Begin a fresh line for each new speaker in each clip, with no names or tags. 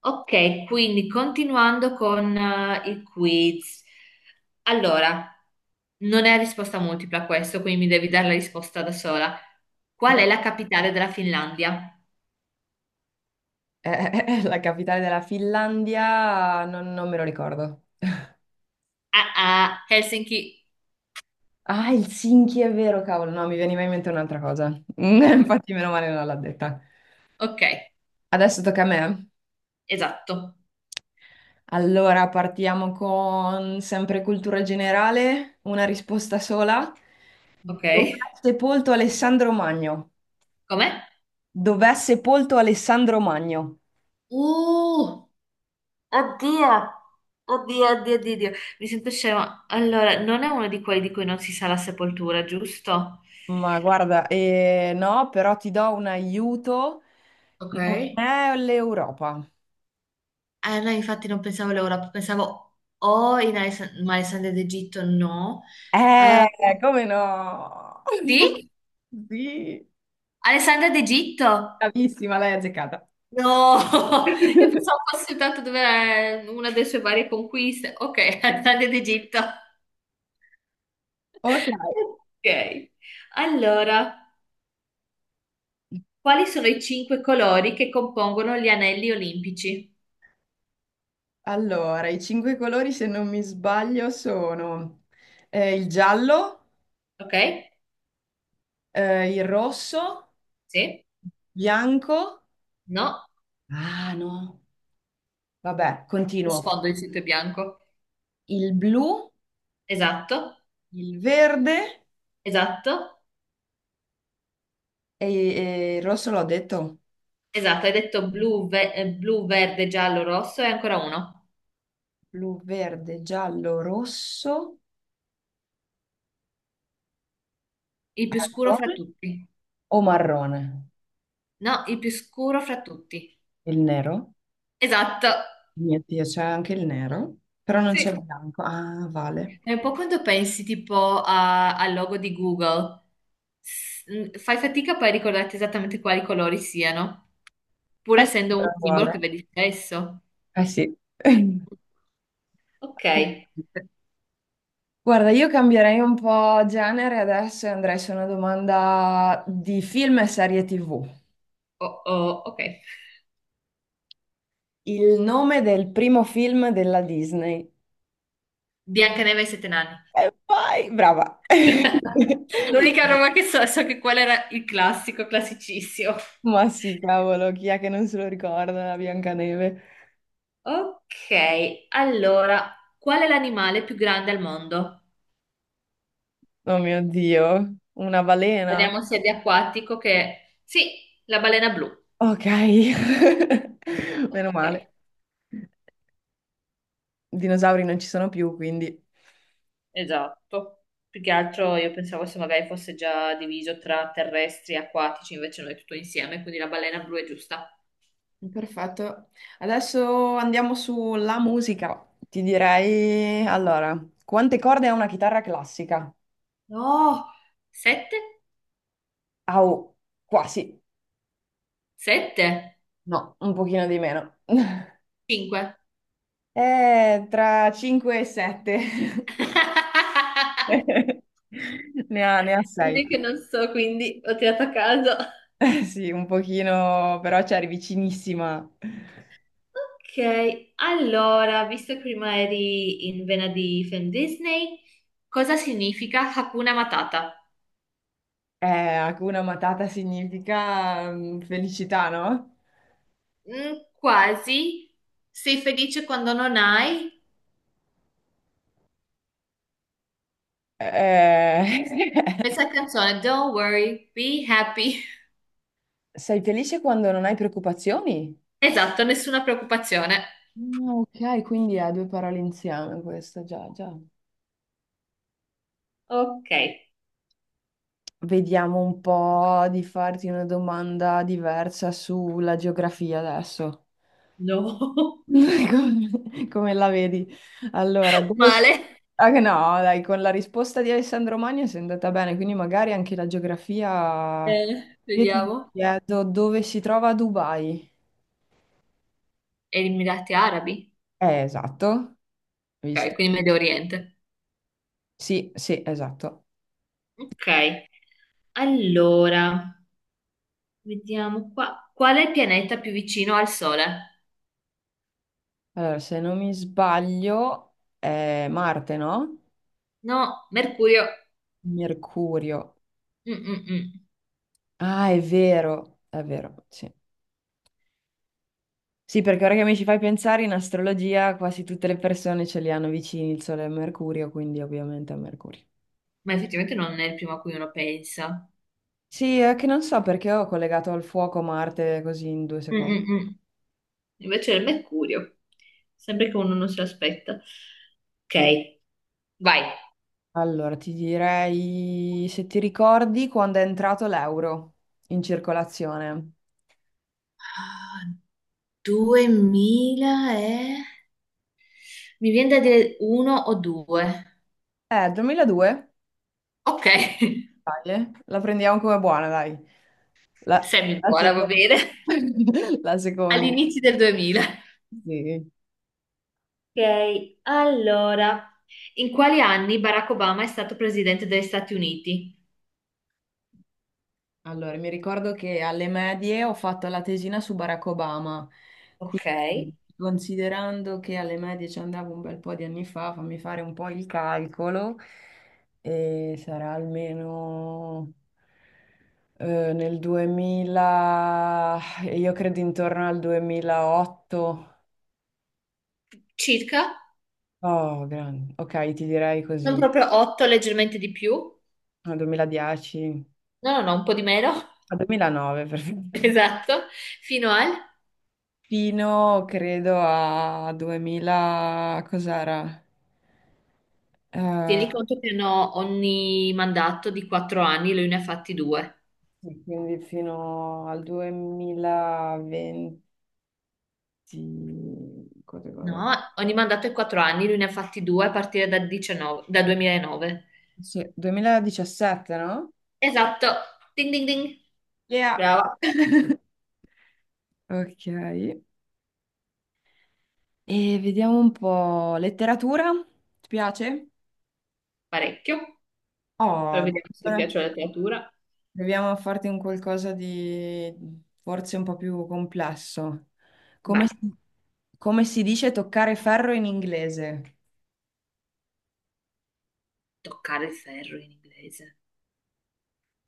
Ok, quindi continuando con i quiz. Allora, non è a risposta multipla questo, quindi mi devi dare la risposta da sola. Qual è
Da-
la capitale della Finlandia?
è la capitale della Finlandia, non me lo ricordo.
Ah, ah, Helsinki.
Ah, Helsinki, è vero, cavolo, no, mi veniva in mente un'altra cosa. Infatti, meno male non l'ha detta.
Ok,
Adesso tocca a me.
esatto.
Allora, partiamo con sempre cultura generale, una risposta sola.
Ok.
Dov'è sepolto Alessandro Magno?
Com'è?
Dov'è sepolto Alessandro Magno?
Uh, Oddio. Oddio, oddio, oddio, oddio. Mi sento scema. Allora, non è uno di quelli di cui non si sa la sepoltura, giusto?
Ma guarda, no, però ti do un aiuto.
Ok.
Non è l'Europa.
No, infatti non pensavo all'Europa, pensavo o in ma Alessandria d'Egitto no. Eh,
Eh, come no?
sì?
Sì,
Alessandria d'Egitto?
bravissima, l'hai azzeccata.
No! Io pensavo fosse soltanto dove era una delle sue varie conquiste. Ok, Alessandria d'Egitto.
Ok,
Ok. Allora, quali sono i cinque colori che compongono gli anelli olimpici?
allora, i cinque colori, se non mi sbaglio, sono il giallo,
Ok?
il rosso,
Sì?
bianco.
No?
Ah, no. Vabbè,
Lo
continuo.
sfondo di sito è bianco.
Il blu,
Esatto?
il verde
Esatto?
e, e il rosso l'ho detto.
Esatto, hai detto blu, blu, verde, giallo, rosso e ancora uno.
Blu, verde, giallo, rosso,
Il più scuro fra
marrone
tutti.
o marrone?
No, il più scuro fra tutti.
Il nero?
Esatto.
Mio Dio, c'è anche il nero, però non
Sì.
c'è il bianco. Ah, vale.
È un po' quando pensi tipo al logo di Google. Fai fatica poi a ricordarti esattamente quali colori siano, pur
Eh sì.
essendo un
Allora
simbolo che
Vale.
vedi spesso.
Eh sì.
Ok.
Assolutamente. Guarda, io cambierei un po' genere adesso e andrei su una domanda di film e serie TV.
Oh, oh, ok.
Il nome del primo film della Disney.
Biancaneve e i sette nani.
E poi, brava.
L'unica roba che so, so che quello era il classico, classicissimo.
Ma sì, cavolo, chi è che non se lo ricorda? Biancaneve.
Ok, allora, qual è l'animale più grande al mondo?
Oh mio Dio, una balena.
Parliamo sia di acquatico che... Sì, la balena blu.
Ok, meno
Ok,
male. Dinosauri non ci sono più, quindi...
esatto. Più che altro io pensavo se magari fosse già diviso tra terrestri e acquatici, invece no, è tutto insieme, quindi la balena blu è giusta.
Perfetto. Adesso andiamo sulla musica. Ti direi, allora, quante corde ha una chitarra classica?
No, sette?
Au, quasi.
Sette?
No, un pochino di meno.
Cinque.
Tra 5 e 7. Ne ha 6.
Vedi che non so, quindi ho tirato a caso.
Sì, un pochino, però c'eri vicinissima.
Ok, allora, visto che prima eri in vena di film Disney, cosa significa Hakuna Matata?
Hakuna Matata significa felicità, no?
Mm, quasi. Sei felice quando non hai?
Eh,
Pensa alla canzone Don't worry, be happy.
Sei felice quando non hai preoccupazioni?
Esatto, nessuna preoccupazione.
Ah, ok, quindi è due parole insieme questa, già, già.
Ok,
Vediamo un po' di farti una domanda diversa sulla geografia adesso.
no.
Come, come la vedi? Allora, dove...
Male.
Ah, che no, dai, con la risposta di Alessandro Magno sei andata bene, quindi magari anche la geografia... Io ti
Vediamo.
chiedo dove si trova Dubai.
Emirati Arabi.
Esatto,
Ok,
visto?
quindi Medio Oriente.
Sì, sì, esatto.
Ok, allora, vediamo qua. Qual è il pianeta più vicino al Sole?
Allora, se non mi sbaglio, è Marte, no?
No, Mercurio.
Mercurio.
Mm, mm, mm.
Ah, è vero, sì. Sì, perché ora che mi ci fai pensare, in astrologia quasi tutte le persone ce li hanno vicini il Sole e Mercurio, quindi ovviamente è Mercurio.
Ma effettivamente non è il primo a cui uno pensa.
Sì, è che non so perché ho collegato al fuoco Marte così in due
Mm,
secondi.
mm, mm. Invece è il Mercurio, sempre che uno non se l'aspetta. Ok, vai.
Allora, ti direi se ti ricordi quando è entrato l'euro in circolazione.
Ah, 2000 e... Mi viene da dire uno o due.
2002?
Ok,
Dai, La prendiamo come buona, dai. La,
semi
la
buona, va
seconda.
bene.
La seconda.
All'inizio del 2000.
Sì.
Ok, allora. In quali anni Barack Obama è stato presidente degli Stati Uniti?
Allora, mi ricordo che alle medie ho fatto la tesina su Barack Obama,
Ok,
quindi considerando che alle medie ci andavo un bel po' di anni fa, fammi fare un po' il calcolo, e sarà almeno nel 2000, io credo intorno al 2008.
circa.
Oh, grande. Ok, ti direi
Non
così,
proprio 8, leggermente di più. No,
al 2010,
no, no, un po' di meno.
al 2009 perfetto.
Esatto. Fino al...
Fino, credo, a 2000, cos'era? Eh,
Tieni conto che hanno ogni mandato di 4 anni, lui ne ha fatti due.
sì, quindi fino al 2020, quando- quando-
No, ogni mandato è 4 anni, lui ne ha fatti due a partire da 2009.
sì, 2017, no?
Esatto. Ding ding ding.
Yeah.
Brava,
Ok, e vediamo un po'. Letteratura? Ti piace?
parecchio. Però
Oh,
vediamo se ti
Eh,
piace la letteratura.
Proviamo a farti un qualcosa di forse un po' più complesso. Come
Vai.
si, come si dice toccare ferro in inglese?
Toccare il ferro in inglese.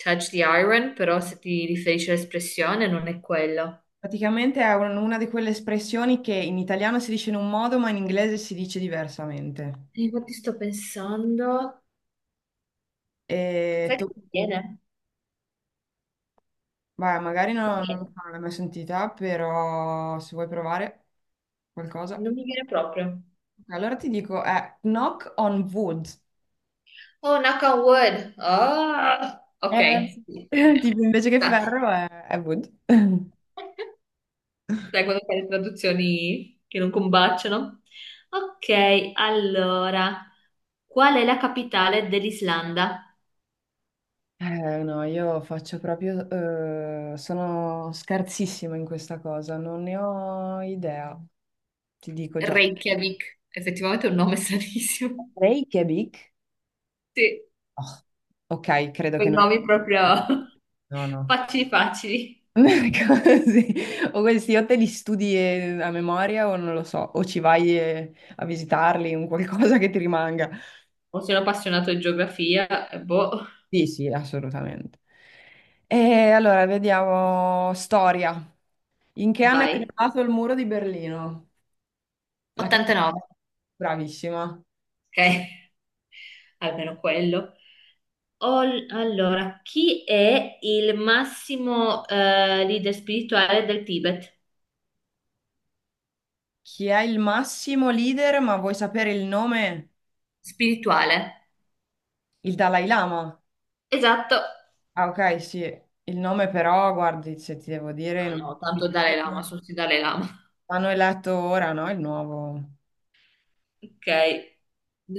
Touch the iron, però se ti riferisci all'espressione non è quello.
Praticamente è una di quelle espressioni che in italiano si dice in un modo, ma in inglese si dice diversamente.
E infatti sto pensando.
E
Sai
tu,
che non mi viene?
vai, magari
Non mi
no- non,
viene.
l'hai mai sentita, però se vuoi provare qualcosa.
Non mi viene proprio.
Ok, allora ti dico, è knock on wood.
Oh, knock on wood. Oh,
Eh,
ok.
sì. Tipo, invece che
Grazie.
ferro è wood.
Sai quando fai le traduzioni che non combaciano? Ok, allora. Qual è la capitale dell'Islanda?
No, io faccio proprio... sono scarsissima in questa cosa, non ne ho idea, ti dico già.
Reykjavik. Effettivamente è un nome stranissimo.
Reykjavik?
Sì,
Oh, ok, credo che
quei
non...
nomi proprio
No, no.
facili facili.
Così. O questi o te li studi a memoria o non lo so, o ci vai a visitarli, un qualcosa che ti rimanga.
O sono appassionato di geografia, boh,
Sì, sì, assolutamente. E allora, vediamo storia. In che anno è
vai.
creato il muro di Berlino? La ca-
89.
Bravissima.
Ok, almeno quello. Allora, chi è il massimo leader spirituale del Tibet?
Chi è il massimo leader, ma vuoi sapere il nome?
Spirituale.
Il Dalai Lama.
Esatto.
Ah, ok, sì, il nome però, guardi, se ti devo dire,
Ma
non...
no,
Mi
tanto
credo
Dalai
che
Lama, sono sì Dalai Lama.
l'hanno eletto ora, no? Il nuovo.
Ok.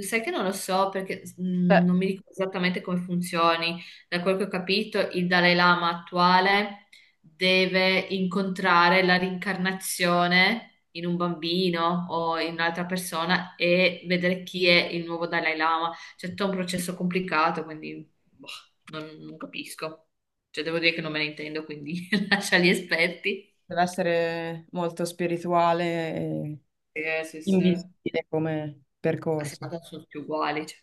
Sai che non lo so perché
Cioè,
non mi ricordo esattamente come funzioni. Da quel che ho capito, il Dalai Lama attuale deve incontrare la rincarnazione in un bambino o in un'altra persona e vedere chi è il nuovo Dalai Lama. C'è tutto un processo complicato, quindi boh, non capisco. Cioè, devo dire che non me ne intendo, quindi lascia gli esperti.
deve essere molto spirituale e
Sì, sì. A
invisibile come percorso.
70 sono tutti uguali, cioè,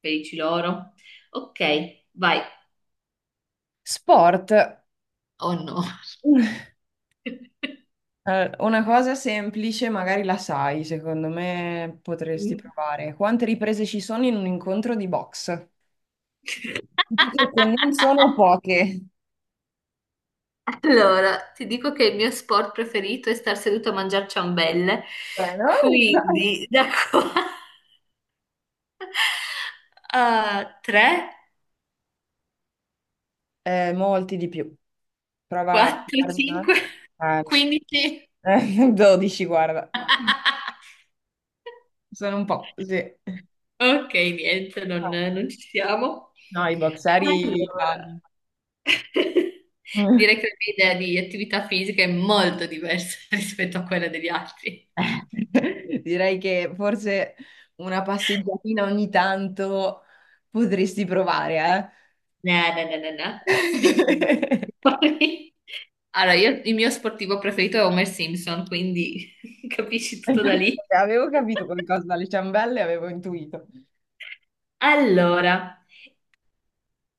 felici loro. Ok, vai.
Sport.
Oh no.
Una cosa semplice, magari la sai, secondo me potresti provare. Quante riprese ci sono in un incontro di box? Dico che non sono poche.
Allora, ti dico che il mio sport preferito è star seduto a mangiare ciambelle,
No?
quindi da qua a 3,
Molti di più. Prova a
4,
farmi una.
5,
No.
15.
12, guarda. Sono un po' così.
Ok, niente,
No,
non ci siamo.
no, i boxeri vanno.
Allora,
Eh,
direi che la mia idea di attività fisica è molto diversa rispetto a quella degli altri.
direi che forse una passeggiatina ogni tanto potresti provare,
No, no, no, no, no.
eh?
Decisamente fuori. Allora, io il mio sportivo preferito è Homer Simpson, quindi capisci tutto da
Infatti,
lì.
avevo capito qualcosa dalle ciambelle, avevo intuito.
Allora,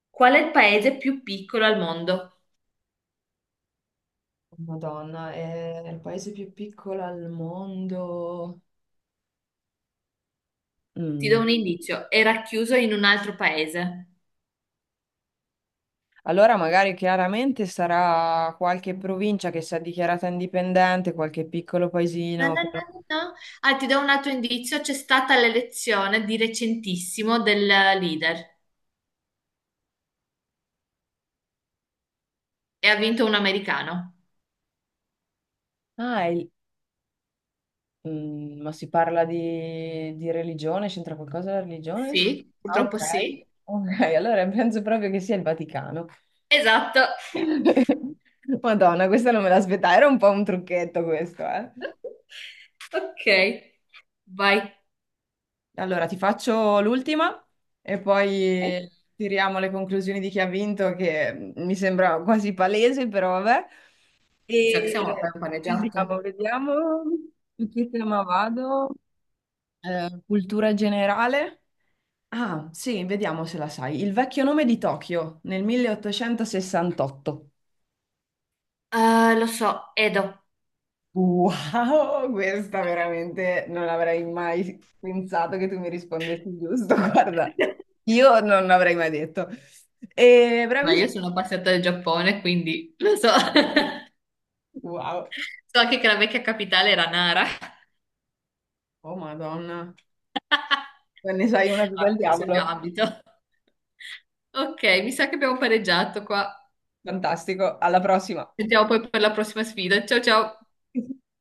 qual è il paese più piccolo al mondo?
Madonna, è il paese più piccolo al mondo.
Ti do
Mm.
un indizio, era chiuso in un altro paese.
Allora magari chiaramente sarà qualche provincia che si è dichiarata indipendente, qualche piccolo
No,
paesino.
no,
Che-
no, no, no. Ah, ti do un altro indizio, c'è stata l'elezione di recentissimo del leader e ha vinto un americano.
Ah, è il- mm, ma si parla di religione? C'entra qualcosa la religione?
Sì,
Ah, ok.
purtroppo sì.
Ok, allora penso proprio che sia il Vaticano.
Esatto.
Madonna, questa non me l'aspettavo, era un po' un trucchetto questo, eh.
Ok, vai.
Allora, ti faccio l'ultima e poi tiriamo le conclusioni di chi ha vinto, che mi sembra quasi palese, però vabbè.
Mi sa che siamo
E
per un paneggiato.
vediamo su che tema vado. Cultura generale. Ah, sì, vediamo se la sai. Il vecchio nome di Tokyo nel 1868.
Lo so, Edo.
Wow, questa veramente non avrei mai pensato che tu mi rispondessi giusto. Guarda, io non l'avrei mai detto. E
Ma io
bravissimo.
sono passata del Giappone, quindi lo so.
Wow.
So anche che la vecchia capitale era Nara.
Oh, Madonna. Non ne sai una più del
Ah, questo è il mio
diavolo.
ambito. Ok, mi sa che abbiamo pareggiato qua.
Fantastico. Alla prossima.
Sentiamo poi per la prossima sfida. Ciao ciao.